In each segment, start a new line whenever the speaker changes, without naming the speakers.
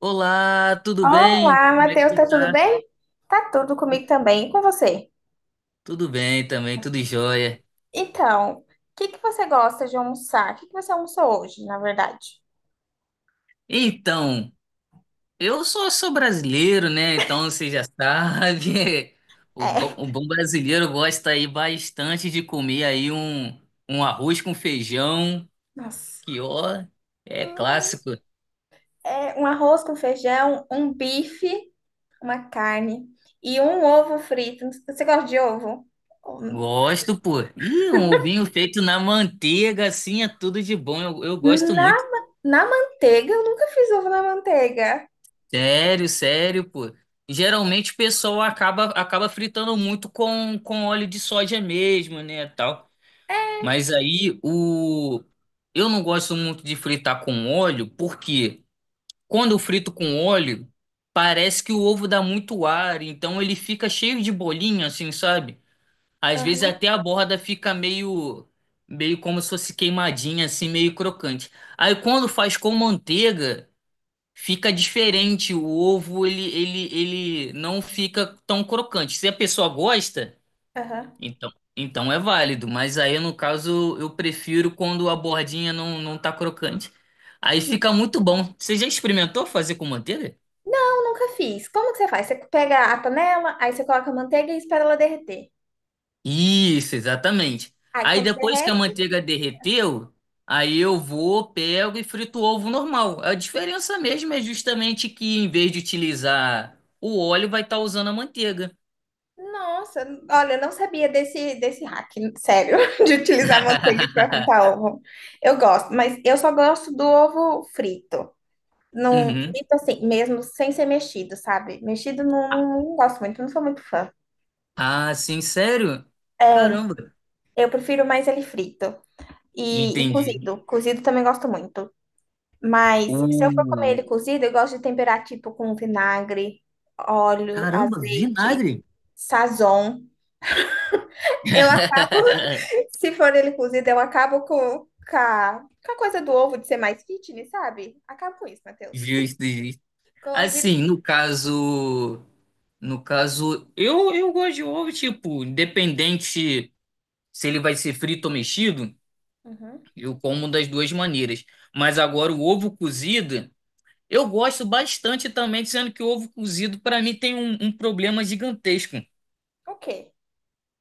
Olá, tudo bem?
Olá,
Como é que
Matheus,
você
tá tudo
tá?
bem? Tá tudo comigo também, e com você?
Tudo bem também, tudo jóia.
Então, o que que você gosta de almoçar? O que que você almoçou hoje, na verdade?
Então, eu só sou brasileiro, né? Então você já sabe,
É.
o bom brasileiro gosta aí bastante de comer aí um arroz com feijão,
Nossa.
que ó, é
Hum.
clássico.
É um arroz com feijão, um bife, uma carne e um ovo frito. Você gosta de ovo? Hum.
Gosto, pô. E um ovinho feito na manteiga, assim, é tudo de bom. Eu gosto
Na,
muito.
na manteiga? Eu nunca fiz ovo na manteiga.
Sério, sério, pô. Geralmente o pessoal acaba fritando muito com óleo de soja mesmo, né, tal.
É,
Mas aí o eu não gosto muito de fritar com óleo, porque quando eu frito com óleo, parece que o ovo dá muito ar, então ele fica cheio de bolinha assim, sabe? Às vezes
aham.
até a borda fica meio meio como se fosse queimadinha assim, meio crocante. Aí quando faz com manteiga, fica diferente o ovo, ele não fica tão crocante. Se a pessoa gosta,
Aham.
então, então é válido, mas aí no caso eu prefiro quando a bordinha não tá crocante. Aí fica muito bom. Você já experimentou fazer com manteiga?
Não, nunca fiz. Como que você faz? Você pega a panela, aí você coloca a manteiga e espera ela derreter.
Isso, exatamente.
Aí
Aí
quando
depois que a
derrete,
manteiga derreteu, aí eu vou, pego e frito o ovo normal. A diferença mesmo é justamente que em vez de utilizar o óleo, vai estar usando a manteiga.
nossa, olha, eu não sabia desse hack, sério. De utilizar manteiga para fritar ovo. Eu gosto, mas eu só gosto do ovo frito. Não,
Uhum.
frito assim, mesmo sem ser mexido, sabe? Mexido não, não gosto muito, não sou muito fã.
Ah, sim, sério?
É,
Caramba.
eu prefiro mais ele frito. E
Entendi.
cozido. Cozido também gosto muito. Mas se eu for comer
O...
ele cozido, eu gosto de temperar tipo com vinagre, óleo,
Caramba,
azeite,
vinagre.
sazon. Eu acabo, se for ele cozido, eu acabo com com a coisa do ovo de ser mais fitness, sabe? Acabo com isso, Matheus.
Justo, justo.
Coloco, viro.
Assim, no caso, no caso, eu gosto de ovo, tipo, independente se ele vai ser frito ou mexido,
Uhum.
eu como das duas maneiras. Mas agora o ovo cozido, eu gosto bastante também, sendo que o ovo cozido para mim tem um problema gigantesco.
Ok.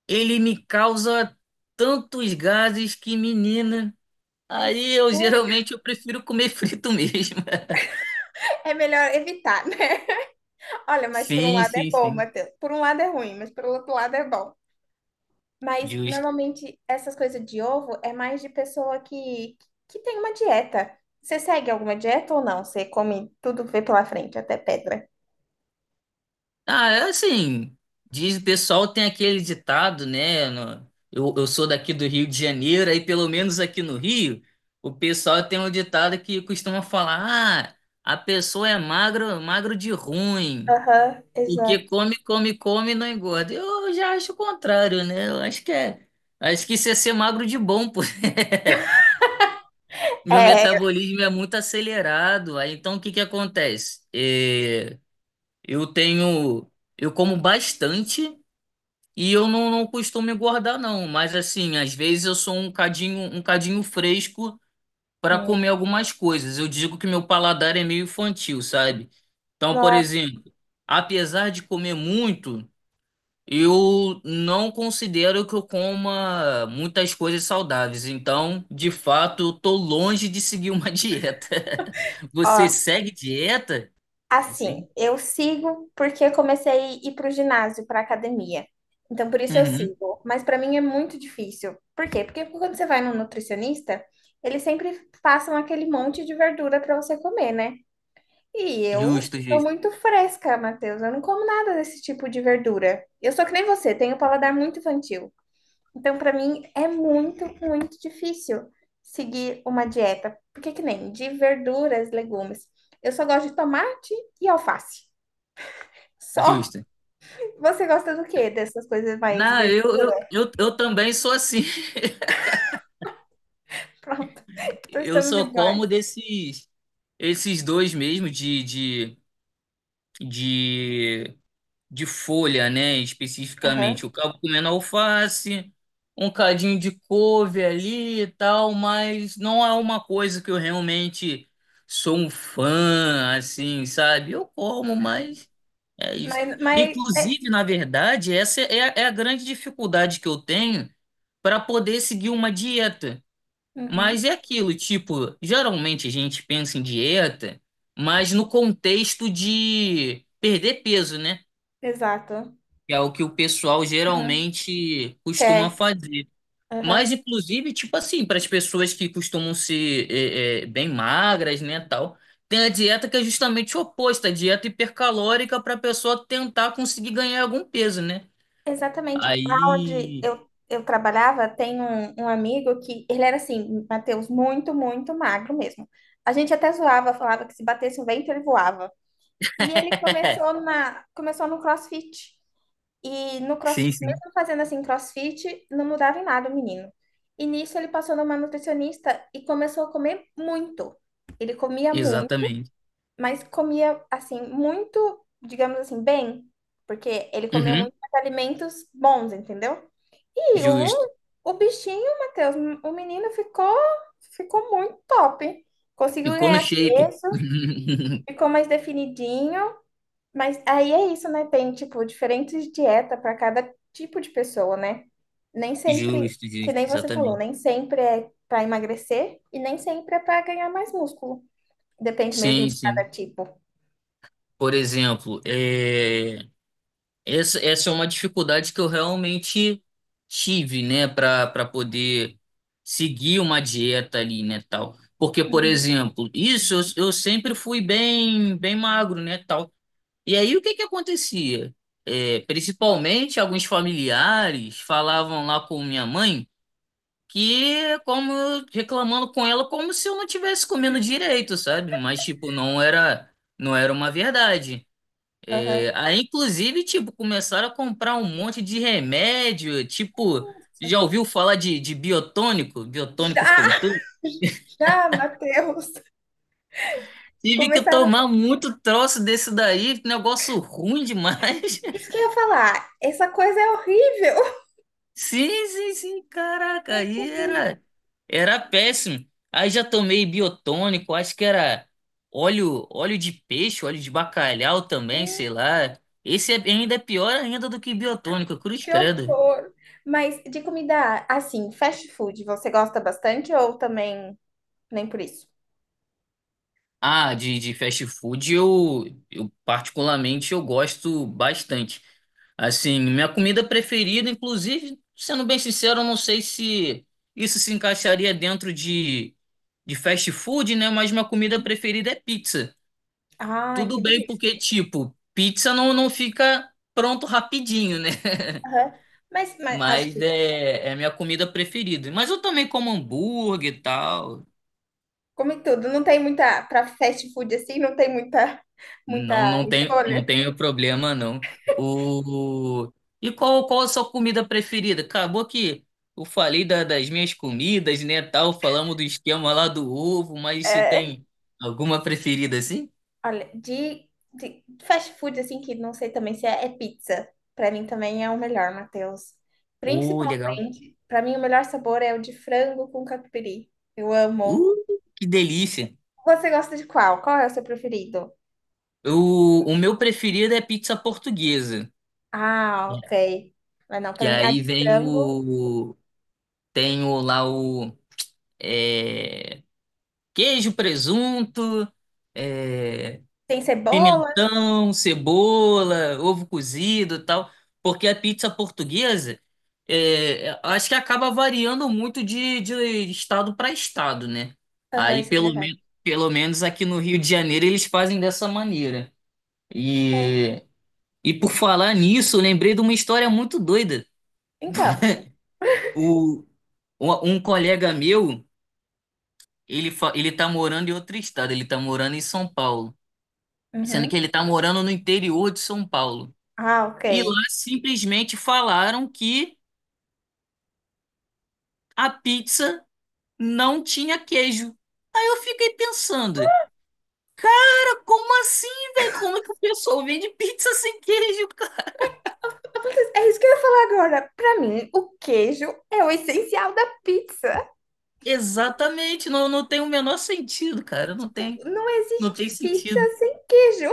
Ele me causa tantos gases que, menina,
É
aí eu
sério.
geralmente eu prefiro comer frito mesmo.
É melhor evitar, né? Olha, mas por um
Sim,
lado é
sim,
bom,
sim.
Matheus. Por um lado é ruim, mas por outro lado é bom. Mas
Justo.
normalmente essas coisas de ovo é mais de pessoa que tem uma dieta. Você segue alguma dieta ou não? Você come tudo que vê pela frente, até pedra.
Ah, é assim, diz o pessoal tem aquele ditado, né? Eu sou daqui do Rio de Janeiro, aí pelo menos aqui no Rio, o pessoal tem um ditado que costuma falar: ah, a pessoa é magro, magro de ruim.
Aham,
Porque
exato.
come, come, come e não engorda. Eu já acho o contrário, né? Eu acho que é. Acho que isso é ser magro de bom, pô. Meu
É.
metabolismo é muito acelerado. Aí, então, o que que acontece? Eu tenho. Eu como bastante e eu não costumo engordar, não. Mas, assim, às vezes eu sou um cadinho fresco para comer
Hum.
algumas coisas. Eu digo que meu paladar é meio infantil, sabe? Então, por
Nossa.
exemplo, apesar de comer muito. Eu não considero que eu coma muitas coisas saudáveis, então, de fato, eu tô longe de seguir uma dieta. Você
Ó,
segue dieta? Assim?
assim, eu sigo porque comecei a ir pro ginásio, pra academia. Então, por isso eu
Uhum.
sigo. Mas pra mim é muito difícil. Por quê? Porque quando você vai no nutricionista, eles sempre passam aquele monte de verdura pra você comer, né? E eu
Justo,
sou
justo,
muito fresca, Matheus. Eu não como nada desse tipo de verdura. Eu sou que nem você, tenho paladar muito infantil. Então, para mim, é muito, muito difícil seguir uma dieta. Porque que nem de verduras, legumes. Eu só gosto de tomate e alface. Só.
justo.
Você gosta do quê? Dessas coisas mais
Não, eu,
verdura?
eu, eu, eu também sou assim.
Pronto. Então
Eu
estamos
só
iguais.
como desses esses dois mesmo, de, de folha, né? Especificamente. Eu
Aham.
acabo comendo alface, um cadinho de couve ali e tal, mas não é uma coisa que eu realmente sou um fã, assim, sabe? Eu como,
Aham.
mas é isso.
Mas é...
Inclusive, na verdade, essa é, é a grande dificuldade que eu tenho para poder seguir uma dieta.
Uhum,
Mas é aquilo, tipo, geralmente a gente pensa em dieta, mas no contexto de perder peso, né?
exato.
Que é o que o pessoal
Aham.
geralmente costuma
Quer.
fazer. Mas,
Aham.
inclusive, tipo assim, para as pessoas que costumam ser bem magras, né, tal, tem a dieta que é justamente oposta, a dieta hipercalórica para a pessoa tentar conseguir ganhar algum peso, né?
Exatamente. Onde
Aí.
eu trabalhava, tem um, um amigo que ele era assim, Matheus, muito, muito magro mesmo. A gente até zoava, falava que se batesse um vento ele voava. E ele começou começou no CrossFit. E no
Sim,
CrossFit,
sim.
mesmo fazendo assim CrossFit, não mudava em nada o menino. E nisso ele passou numa nutricionista e começou a comer muito. Ele comia muito,
Exatamente.
mas comia assim muito, digamos assim, bem, porque ele comeu
Uhum,
muitos alimentos bons, entendeu? E
justo.
o bichinho, Matheus, o menino ficou, ficou muito top. Conseguiu
Ficou no
ganhar
shape.
peso, ficou mais definidinho. Mas aí é isso, né? Tem, tipo, diferentes dietas para cada tipo de pessoa, né? Nem sempre,
Justo,
que
justo,
nem você falou,
exatamente.
nem sempre é para emagrecer e nem sempre é para ganhar mais músculo. Depende mesmo
Sim,
de
sim.
cada tipo.
Por exemplo, essa, essa é uma dificuldade que eu realmente tive, né, para para poder seguir uma dieta ali, né, tal. Porque, por
Uhum.
exemplo, isso eu sempre fui bem bem magro, né, tal. E aí o que que acontecia? Principalmente alguns familiares falavam lá com minha mãe que reclamando com ela como se eu não tivesse comendo direito, sabe? Mas tipo, não era não era uma verdade.
Aham.
Aí, inclusive, tipo, começaram a comprar um monte de remédio, tipo,
Nossa.
já ouviu falar de biotônico,
Já,
biotônico Fontoura?
já, Matheus.
Tive que
Começaram.
tomar muito troço desse daí, negócio ruim demais.
Isso que eu ia falar. Essa coisa é horrível.
Sim, sim, sim, caraca,
É
era péssimo. Aí já tomei biotônico, acho que era óleo, óleo de peixe, óleo de bacalhau também,
terrível.
sei lá. Ainda é pior ainda do que biotônico, cruz
Que
credo.
horror. Mas de comida, assim, fast food, você gosta bastante ou também nem por isso?
Ah, de fast food eu particularmente eu gosto bastante. Assim, minha comida preferida, inclusive, sendo bem sincero, eu não sei se isso se encaixaria dentro de fast food, né? Mas minha comida preferida é pizza.
Ai,
Tudo
que
bem
delícia.
porque, tipo, pizza não fica pronto rapidinho, né?
Aham. Mas acho
Mas
que,
é, é a minha comida preferida. Mas eu também como hambúrguer e tal.
come tudo, não tem muita, para fast food assim, não tem muita,
Não,
muita
não tem, não
escolha.
tenho problema, não. O... E qual, qual a sua comida preferida? Acabou que eu falei das minhas comidas, né, tal, falamos do esquema lá do ovo, mas você
É.
tem alguma preferida assim?
Olha, de fast food, assim, que não sei também se é, é pizza. Pra mim também é o melhor, Matheus.
Legal.
Principalmente, pra mim o melhor sabor é o de frango com catupiry. Eu
Uh,
amo.
que delícia.
Você gosta de qual? Qual é o seu preferido?
O meu preferido é pizza portuguesa,
Ah, ok. Mas não, pra
que
mim, a
aí
de
vem
frango
o... Tem o, lá o... é, queijo, presunto... é,
tem cebola.
pimentão, cebola, ovo cozido e tal, porque a pizza portuguesa, é, é, acho que acaba variando muito de estado para estado, né?
Aham,
Aí,
isso é verdade.
pelo menos aqui no Rio de Janeiro, eles fazem dessa maneira.
É.
E, e por falar nisso, eu lembrei de uma história muito doida.
Então.
O, um um colega meu, ele tá morando em outro estado, ele tá morando em São Paulo, sendo que
Uhum.
ele tá morando no interior de São Paulo.
Ah, ok.
E lá simplesmente falaram que a pizza não tinha queijo. Aí eu fiquei pensando, cara, como assim, velho? Como é que o pessoal vende pizza sem queijo, cara?
Matheus, é isso que eu ia falar agora. Pra mim, o queijo é o essencial da pizza.
Exatamente, não, não tem o menor sentido, cara.
Não
Não
existe
tem
pizza
sentido.
sem queijo.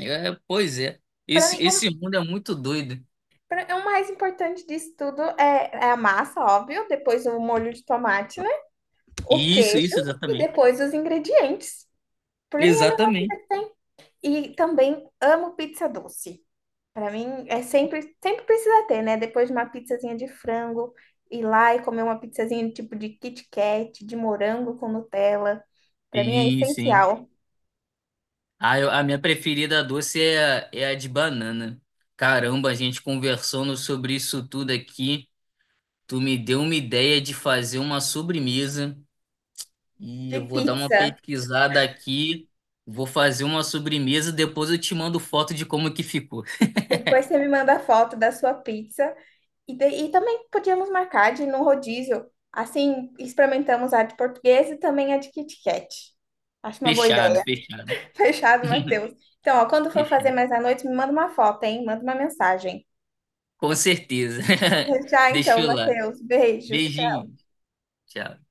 É, pois é.
Para mim,
Esse
o,
mundo é muito doido.
pra- é o mais importante disso tudo é, é a massa, óbvio, depois o molho de tomate, né? O
Isso,
queijo
isso,
e
exatamente.
depois os ingredientes. Para mim é a melhor coisa
Exatamente.
que tem. E também amo pizza doce. Para mim é sempre, sempre precisa ter, né? Depois de uma pizzazinha de frango, ir lá e comer uma pizzazinha tipo de Kit Kat, de morango com Nutella. Para mim é
Sim, sim.
essencial.
Ah, a minha preferida doce é, é a de banana. Caramba, a gente conversando sobre isso tudo aqui. Tu me deu uma ideia de fazer uma sobremesa e
De
eu vou dar uma
pizza.
pesquisada aqui. Vou fazer uma sobremesa, depois eu te mando foto de como que ficou.
Depois você me manda a foto da sua pizza. E, e também podíamos marcar de ir num rodízio. Assim, experimentamos a de português e também a de Kit Kat. Acho uma boa
Fechado,
ideia.
fechado,
Fechado, Matheus. Então, ó, quando for fazer
fechado.
mais à noite, me manda uma foto, hein? Manda uma mensagem.
Com certeza.
Já
Deixa
então,
eu lá.
Matheus. Beijos.
Beijinho. Tchau.